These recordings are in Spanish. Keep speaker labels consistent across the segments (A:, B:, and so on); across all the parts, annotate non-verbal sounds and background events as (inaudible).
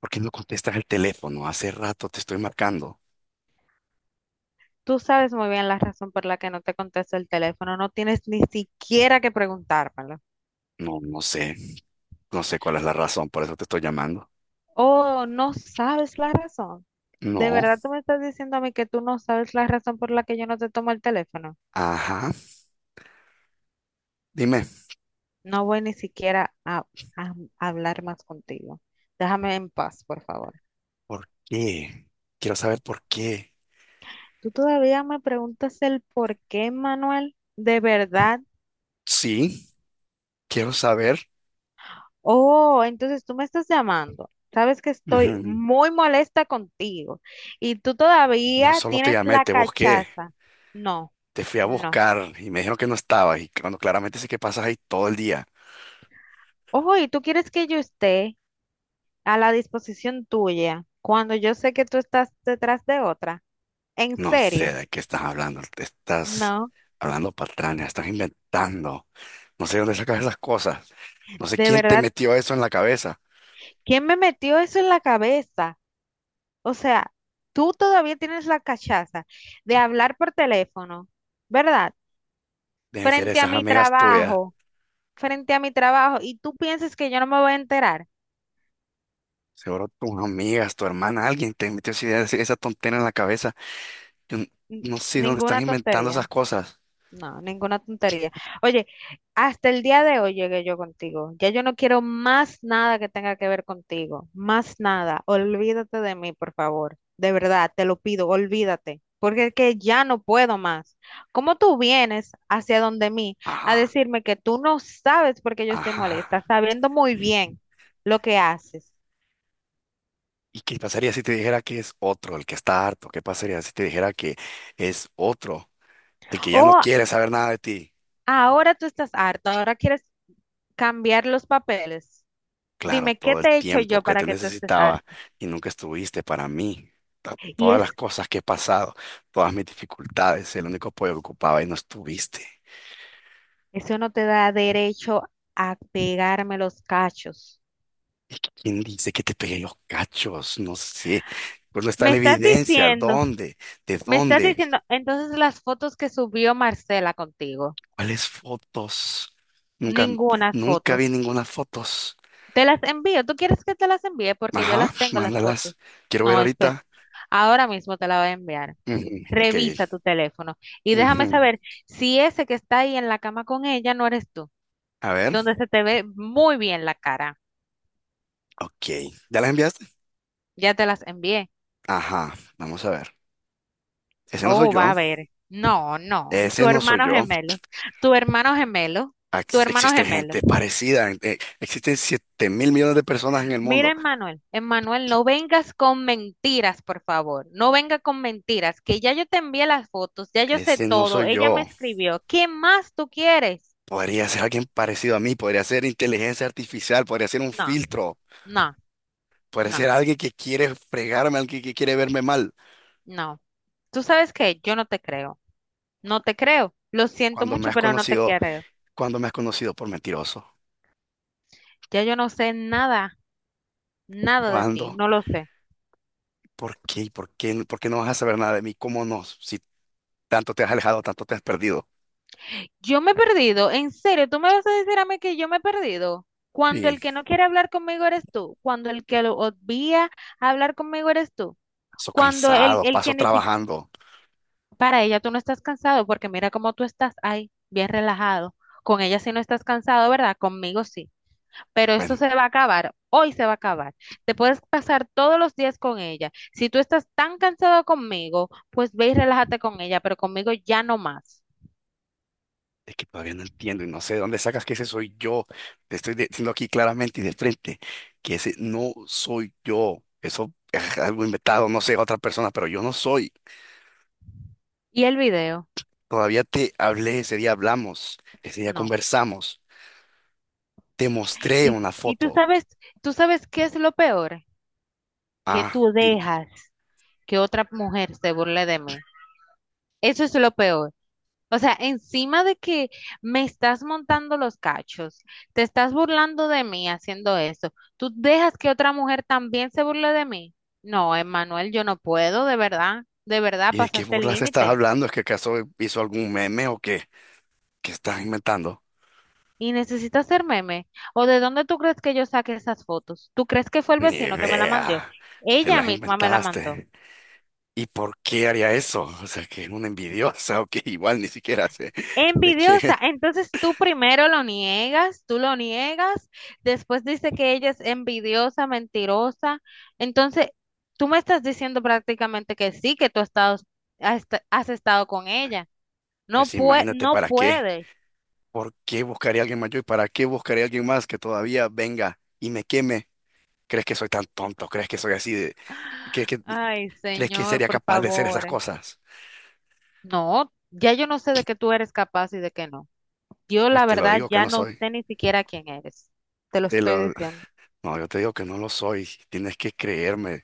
A: ¿Por qué no contestas el teléfono? Hace rato te estoy marcando.
B: Tú sabes muy bien la razón por la que no te contesto el teléfono. No tienes ni siquiera que preguntármelo.
A: No, no sé. No sé cuál es la razón, por eso te estoy llamando.
B: Oh, no sabes la razón. ¿De
A: No.
B: verdad tú me estás diciendo a mí que tú no sabes la razón por la que yo no te tomo el teléfono?
A: Ajá. Dime,
B: No voy ni siquiera a hablar más contigo. Déjame en paz, por favor.
A: ¿por qué? Quiero saber por qué.
B: ¿Tú todavía me preguntas el por qué, Manuel? ¿De verdad?
A: Sí, quiero saber.
B: Oh, entonces tú me estás llamando. Sabes que estoy
A: Ujú.
B: muy molesta contigo y tú
A: No
B: todavía
A: solo te
B: tienes
A: llamé,
B: la
A: te busqué.
B: cachaza. No,
A: Te fui a
B: no.
A: buscar y me dijeron que no estabas. Y cuando claramente sé que pasas ahí todo el día.
B: Ojo, y tú quieres que yo esté a la disposición tuya cuando yo sé que tú estás detrás de otra. ¿En
A: No sé
B: serio?
A: de qué estás hablando. Te estás
B: No,
A: hablando patrañas, estás inventando. No sé de dónde sacas esas cosas. No sé
B: de
A: quién te
B: verdad.
A: metió eso en la cabeza.
B: ¿Quién me metió eso en la cabeza? O sea, tú todavía tienes la cachaza de hablar por teléfono, ¿verdad?
A: Deben ser
B: Frente a
A: esas
B: mi
A: amigas tuyas.
B: trabajo, frente a mi trabajo, y tú piensas que yo no me voy a enterar.
A: Seguro tus amigas, tu hermana, alguien te metió esa idea, esa tontera en la cabeza. Yo n-
B: N-
A: no sé dónde están
B: Ninguna
A: inventando esas
B: tontería.
A: cosas.
B: No, ninguna tontería. Oye, hasta el día de hoy llegué yo contigo. Ya yo no quiero más nada que tenga que ver contigo. Más nada. Olvídate de mí, por favor. De verdad, te lo pido, olvídate. Porque es que ya no puedo más. ¿Cómo tú vienes hacia donde mí a
A: Ajá,
B: decirme que tú no sabes por qué yo estoy
A: ajá.
B: molesta, sabiendo muy bien lo que haces?
A: ¿Y qué pasaría si te dijera que es otro el que está harto? ¿Qué pasaría si te dijera que es otro el que ya no
B: O
A: quiere saber nada de ti?
B: ahora tú estás harta, ahora quieres cambiar los papeles.
A: Claro,
B: Dime, ¿qué
A: todo el
B: te he hecho
A: tiempo
B: yo
A: que
B: para
A: te
B: que tú estés
A: necesitaba
B: harta?
A: y nunca estuviste para mí.
B: Y
A: Todas las
B: es,
A: cosas que he pasado, todas mis dificultades, el único apoyo que ocupaba y no estuviste.
B: eso no te da derecho a pegarme los cachos.
A: ¿Quién dice que te pegué los cachos? No sé. Pues no está
B: Me
A: la
B: estás
A: evidencia.
B: diciendo,
A: ¿Dónde? ¿De
B: me estás
A: dónde?
B: diciendo, entonces las fotos que subió Marcela contigo,
A: ¿Cuáles fotos? Nunca,
B: ninguna foto.
A: nunca vi ninguna fotos.
B: Te las envío. ¿Tú quieres que te las envíe? Porque yo
A: Ajá,
B: las tengo, las fotos.
A: mándalas. Quiero ver
B: No, espera.
A: ahorita.
B: Ahora mismo te la voy a enviar.
A: Ujú, ok,
B: Revisa tu teléfono y déjame
A: ujú.
B: saber si ese que está ahí en la cama con ella no eres tú,
A: A ver.
B: donde se te ve muy bien la cara.
A: Ok. ¿Ya las enviaste?
B: Ya te las envié.
A: Ajá. Vamos a ver. Ese no soy
B: Oh, va a
A: yo.
B: ver. No, no.
A: Ese
B: Tu
A: no soy
B: hermano
A: yo.
B: gemelo. Tu hermano gemelo. Tu hermano
A: Existe
B: gemelo.
A: gente parecida. Existen 7.000 millones de personas en el
B: Mira,
A: mundo.
B: Emmanuel. Emmanuel, no vengas con mentiras, por favor. No venga con mentiras, que ya yo te envié las fotos, ya yo sé
A: Ese no
B: todo.
A: soy
B: Ella me
A: yo.
B: escribió. ¿Qué más tú quieres?
A: Podría ser alguien parecido a mí, podría ser inteligencia artificial, podría ser un
B: No,
A: filtro,
B: no,
A: podría
B: no,
A: ser alguien que quiere fregarme, alguien que quiere verme mal.
B: no. ¿Tú sabes qué? Yo no te creo. No te creo. Lo siento
A: Cuando me
B: mucho,
A: has
B: pero no te
A: conocido,
B: creo.
A: cuando me has conocido por mentiroso,
B: Ya yo no sé nada, nada de ti.
A: cuando,
B: No lo sé.
A: ¿por qué? ¿Por qué? ¿Por qué no vas a saber nada de mí? ¿Cómo no? Si tanto te has alejado, tanto te has perdido.
B: Yo me he perdido, en serio, tú me vas a decir a mí que yo me he perdido. Cuando el
A: Sí,
B: que no quiere hablar conmigo eres tú, cuando el que lo obvia hablar conmigo eres tú,
A: paso
B: cuando el,
A: cansado,
B: el
A: paso
B: que ni siquiera,
A: trabajando.
B: para ella tú no estás cansado, porque mira cómo tú estás ahí, bien relajado. Con ella sí no estás cansado, ¿verdad? Conmigo sí. Pero esto
A: Bueno.
B: se va a acabar, hoy se va a acabar. Te puedes pasar todos los días con ella. Si tú estás tan cansado conmigo, pues ve y relájate con ella, pero conmigo ya no más.
A: Es que todavía no entiendo y no sé de dónde sacas que ese soy yo. Te estoy diciendo aquí claramente y de frente que ese no soy yo. Eso es algo inventado, no sé, otra persona, pero yo no soy.
B: ¿Y el video?
A: Todavía te hablé, ese día hablamos, ese día
B: No.
A: conversamos, te mostré
B: Y,
A: una
B: y
A: foto.
B: tú sabes qué es lo peor, que
A: Ah,
B: tú
A: dime,
B: dejas que otra mujer se burle de mí. Eso es lo peor. O sea, encima de que me estás montando los cachos, te estás burlando de mí haciendo eso, tú dejas que otra mujer también se burle de mí. No, Emmanuel, yo no puedo, de verdad
A: ¿y de qué
B: pasaste el
A: burlas estás
B: límite.
A: hablando? ¿Es que acaso hizo algún meme o qué? ¿Qué estás inventando?
B: Y necesitas hacer meme. ¿O de dónde tú crees que yo saqué esas fotos? ¿Tú crees que fue el
A: Ni
B: vecino que me la mandó?
A: idea, te
B: Ella
A: las
B: misma me la mandó.
A: inventaste. ¿Y por qué haría eso? O sea, que es una envidiosa (laughs) o que igual ni siquiera sé de
B: Envidiosa.
A: qué.
B: Entonces tú primero lo niegas, tú lo niegas, después dice que ella es envidiosa, mentirosa. Entonces tú me estás diciendo prácticamente que sí, que tú has estado, has estado con ella.
A: Pues
B: No
A: sí,
B: puede,
A: imagínate
B: no
A: para qué.
B: puede.
A: ¿Por qué buscaría a alguien más yo y para qué buscaría a alguien más que todavía venga y me queme? ¿Crees que soy tan tonto? ¿Crees que soy así de... que- que-
B: Ay,
A: ¿Crees que
B: señor,
A: sería
B: por
A: capaz de hacer esas
B: favor.
A: cosas?
B: No, ya yo no sé de qué tú eres capaz y de qué no. Yo
A: Pues
B: la
A: te lo
B: verdad
A: digo que
B: ya
A: no
B: no
A: soy.
B: sé ni siquiera quién eres. Te lo
A: Te
B: estoy
A: lo...
B: diciendo.
A: No, yo te digo que no lo soy. Tienes que creerme.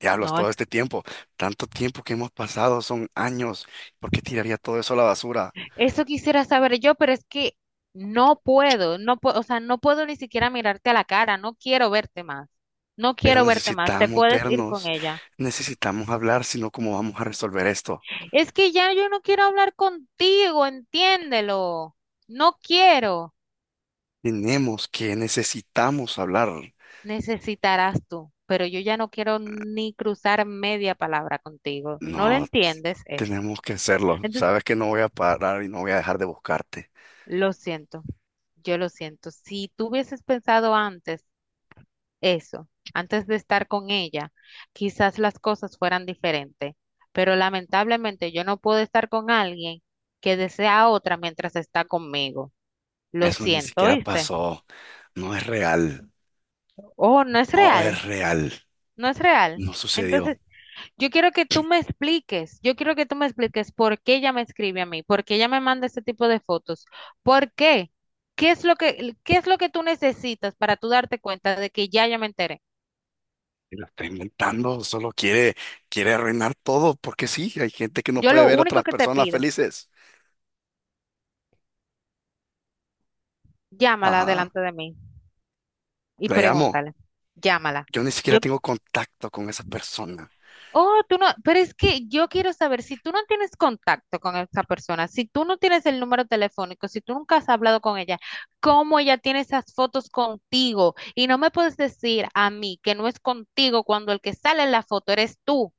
A: Diablos,
B: No,
A: todo este tiempo, tanto tiempo que hemos pasado, son años. ¿Por qué tiraría todo eso a la basura?
B: eso quisiera saber yo, pero es que no puedo, no puedo, o sea, no puedo ni siquiera mirarte a la cara, no quiero verte más, no
A: Pero
B: quiero verte más, te
A: necesitamos
B: puedes ir con
A: vernos,
B: ella.
A: necesitamos hablar, sino cómo vamos a resolver esto.
B: Es que ya yo no quiero hablar contigo, entiéndelo, no quiero.
A: Tenemos que, necesitamos hablar.
B: Necesitarás tú, pero yo ya no quiero ni cruzar media palabra contigo, no lo
A: No,
B: entiendes eso.
A: tenemos que hacerlo.
B: Entonces,
A: Sabes que no voy a parar y no voy a dejar de buscarte.
B: lo siento, yo lo siento. Si tú hubieses pensado antes, eso, antes de estar con ella, quizás las cosas fueran diferentes, pero lamentablemente yo no puedo estar con alguien que desea a otra mientras está conmigo. Lo
A: Eso ni
B: siento,
A: siquiera
B: ¿viste?
A: pasó. No es real.
B: Oh, no es
A: No
B: real,
A: es real.
B: no es real.
A: No sucedió.
B: Entonces, yo quiero que tú me expliques, yo quiero que tú me expliques por qué ella me escribe a mí, por qué ella me manda ese tipo de fotos, por qué, qué es lo que, qué es lo que tú necesitas para tú darte cuenta de que ya ya me enteré.
A: Te lo está inventando. Solo quiere, quiere arruinar todo porque sí, hay gente que no
B: Yo
A: puede
B: lo
A: ver a
B: único
A: otras
B: que te
A: personas
B: pido,
A: felices.
B: llámala
A: Ajá.
B: delante de mí, y
A: La llamo.
B: pregúntale, llámala.
A: Yo ni siquiera
B: Yo,
A: tengo contacto con esa persona.
B: oh, tú no, pero es que yo quiero saber si tú no tienes contacto con esa persona, si tú no tienes el número telefónico, si tú nunca has hablado con ella, ¿cómo ella tiene esas fotos contigo? Y no me puedes decir a mí que no es contigo cuando el que sale en la foto eres tú.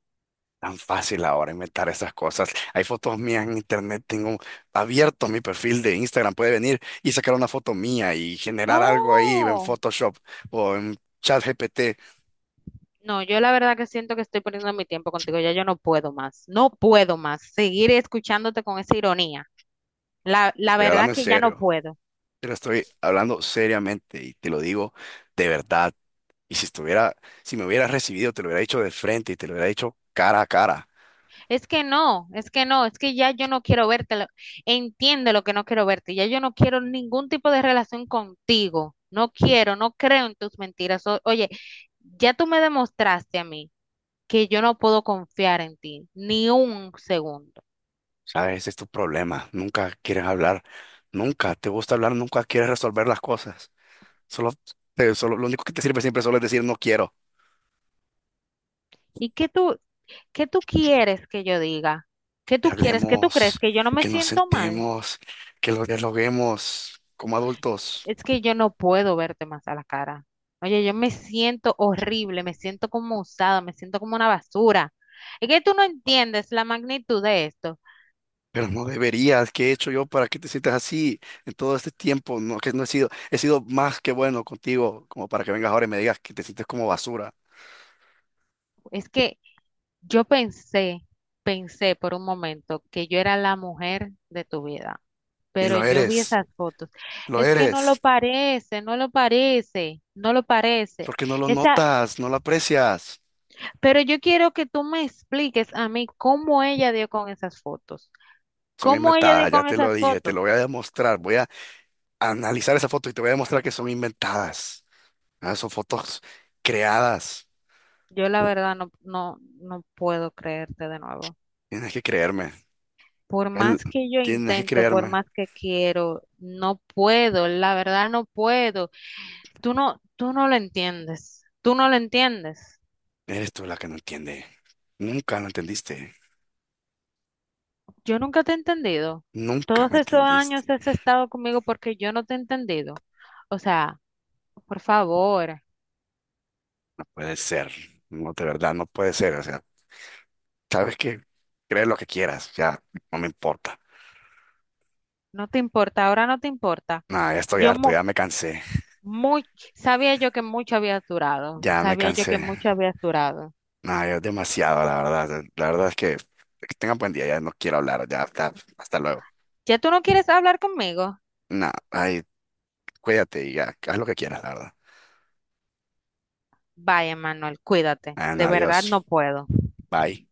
A: Tan fácil ahora inventar esas cosas. Hay fotos mías en internet, tengo abierto mi perfil de Instagram, puede venir y sacar una foto mía y generar algo ahí en
B: Oh,
A: Photoshop o en ChatGPT.
B: no, yo la verdad que siento que estoy perdiendo mi tiempo contigo, ya yo no puedo más, no puedo más seguir escuchándote con esa ironía. La
A: Estoy
B: verdad
A: hablando en
B: que ya no
A: serio,
B: puedo.
A: pero estoy hablando seriamente y te lo digo de verdad. Y si estuviera, si me hubieras recibido, te lo hubiera dicho de frente y te lo hubiera dicho cara a cara.
B: Es que no, es que no, es que ya yo no quiero verte. Entiende lo que no quiero verte. Ya yo no quiero ningún tipo de relación contigo. No quiero, no creo en tus mentiras. Oye, ya tú me demostraste a mí que yo no puedo confiar en ti ni un segundo.
A: ¿Sabes? Ese es tu problema. Nunca quieres hablar, nunca te gusta hablar, nunca quieres resolver las cosas. Solo, solo, lo único que te sirve siempre solo es decir no quiero.
B: ¿Y qué tú quieres que yo diga? ¿Qué
A: Que
B: tú quieres? ¿Qué tú crees?
A: hablemos,
B: ¿Que yo no me
A: que nos
B: siento mal?
A: sentemos, que lo dialoguemos como adultos.
B: Es que yo no puedo verte más a la cara. Oye, yo me siento horrible, me siento como usada, me siento como una basura. Es que tú no entiendes la magnitud de esto.
A: Pero no deberías, ¿qué he hecho yo para que te sientas así en todo este tiempo? No, que no he sido, he sido más que bueno contigo, como para que vengas ahora y me digas que te sientes como basura.
B: Es que yo pensé, pensé por un momento que yo era la mujer de tu vida,
A: Y
B: pero yo vi esas fotos.
A: lo
B: Es que no lo
A: eres,
B: parece, no lo parece, no lo parece.
A: porque no lo
B: Esa,
A: notas, no lo aprecias.
B: pero yo quiero que tú me expliques a mí cómo ella dio con esas fotos.
A: Son
B: ¿Cómo ella dio
A: inventadas, ya
B: con
A: te lo
B: esas
A: dije, te
B: fotos?
A: lo voy a demostrar. Voy a analizar esa foto y te voy a demostrar que son inventadas. Ah, son fotos creadas.
B: Yo la verdad no, no, no puedo creerte de nuevo.
A: Tienes que creerme.
B: Por
A: Él,
B: más que yo
A: tienes que
B: intento, por
A: creerme,
B: más que quiero, no puedo, la verdad no puedo. Tú no lo entiendes, tú no lo entiendes.
A: eres tú la que no entiende. Nunca lo entendiste.
B: Yo nunca te he entendido.
A: Nunca
B: Todos
A: me
B: estos
A: entendiste.
B: años has estado conmigo porque yo no te he entendido. O sea, por favor,
A: No puede ser. No, de verdad, no puede ser. O sea, sabes que crees lo que quieras. Ya, no me importa.
B: no te importa, ahora no te importa.
A: Nada, ya estoy
B: Yo
A: harto,
B: mu-
A: ya me cansé.
B: muy, Sabía yo que mucho habías durado,
A: Ya me
B: sabía yo
A: cansé.
B: que mucho habías durado.
A: Nada, ya es demasiado, la verdad. La verdad es que tengan buen día, ya no quiero hablar. Ya, hasta, hasta luego.
B: ¿Ya tú no quieres hablar conmigo?
A: Nada, ay, cuídate y ya, haz lo que quieras, la verdad.
B: Bye, Emanuel, cuídate.
A: Ah, no,
B: De verdad
A: adiós.
B: no puedo.
A: Bye.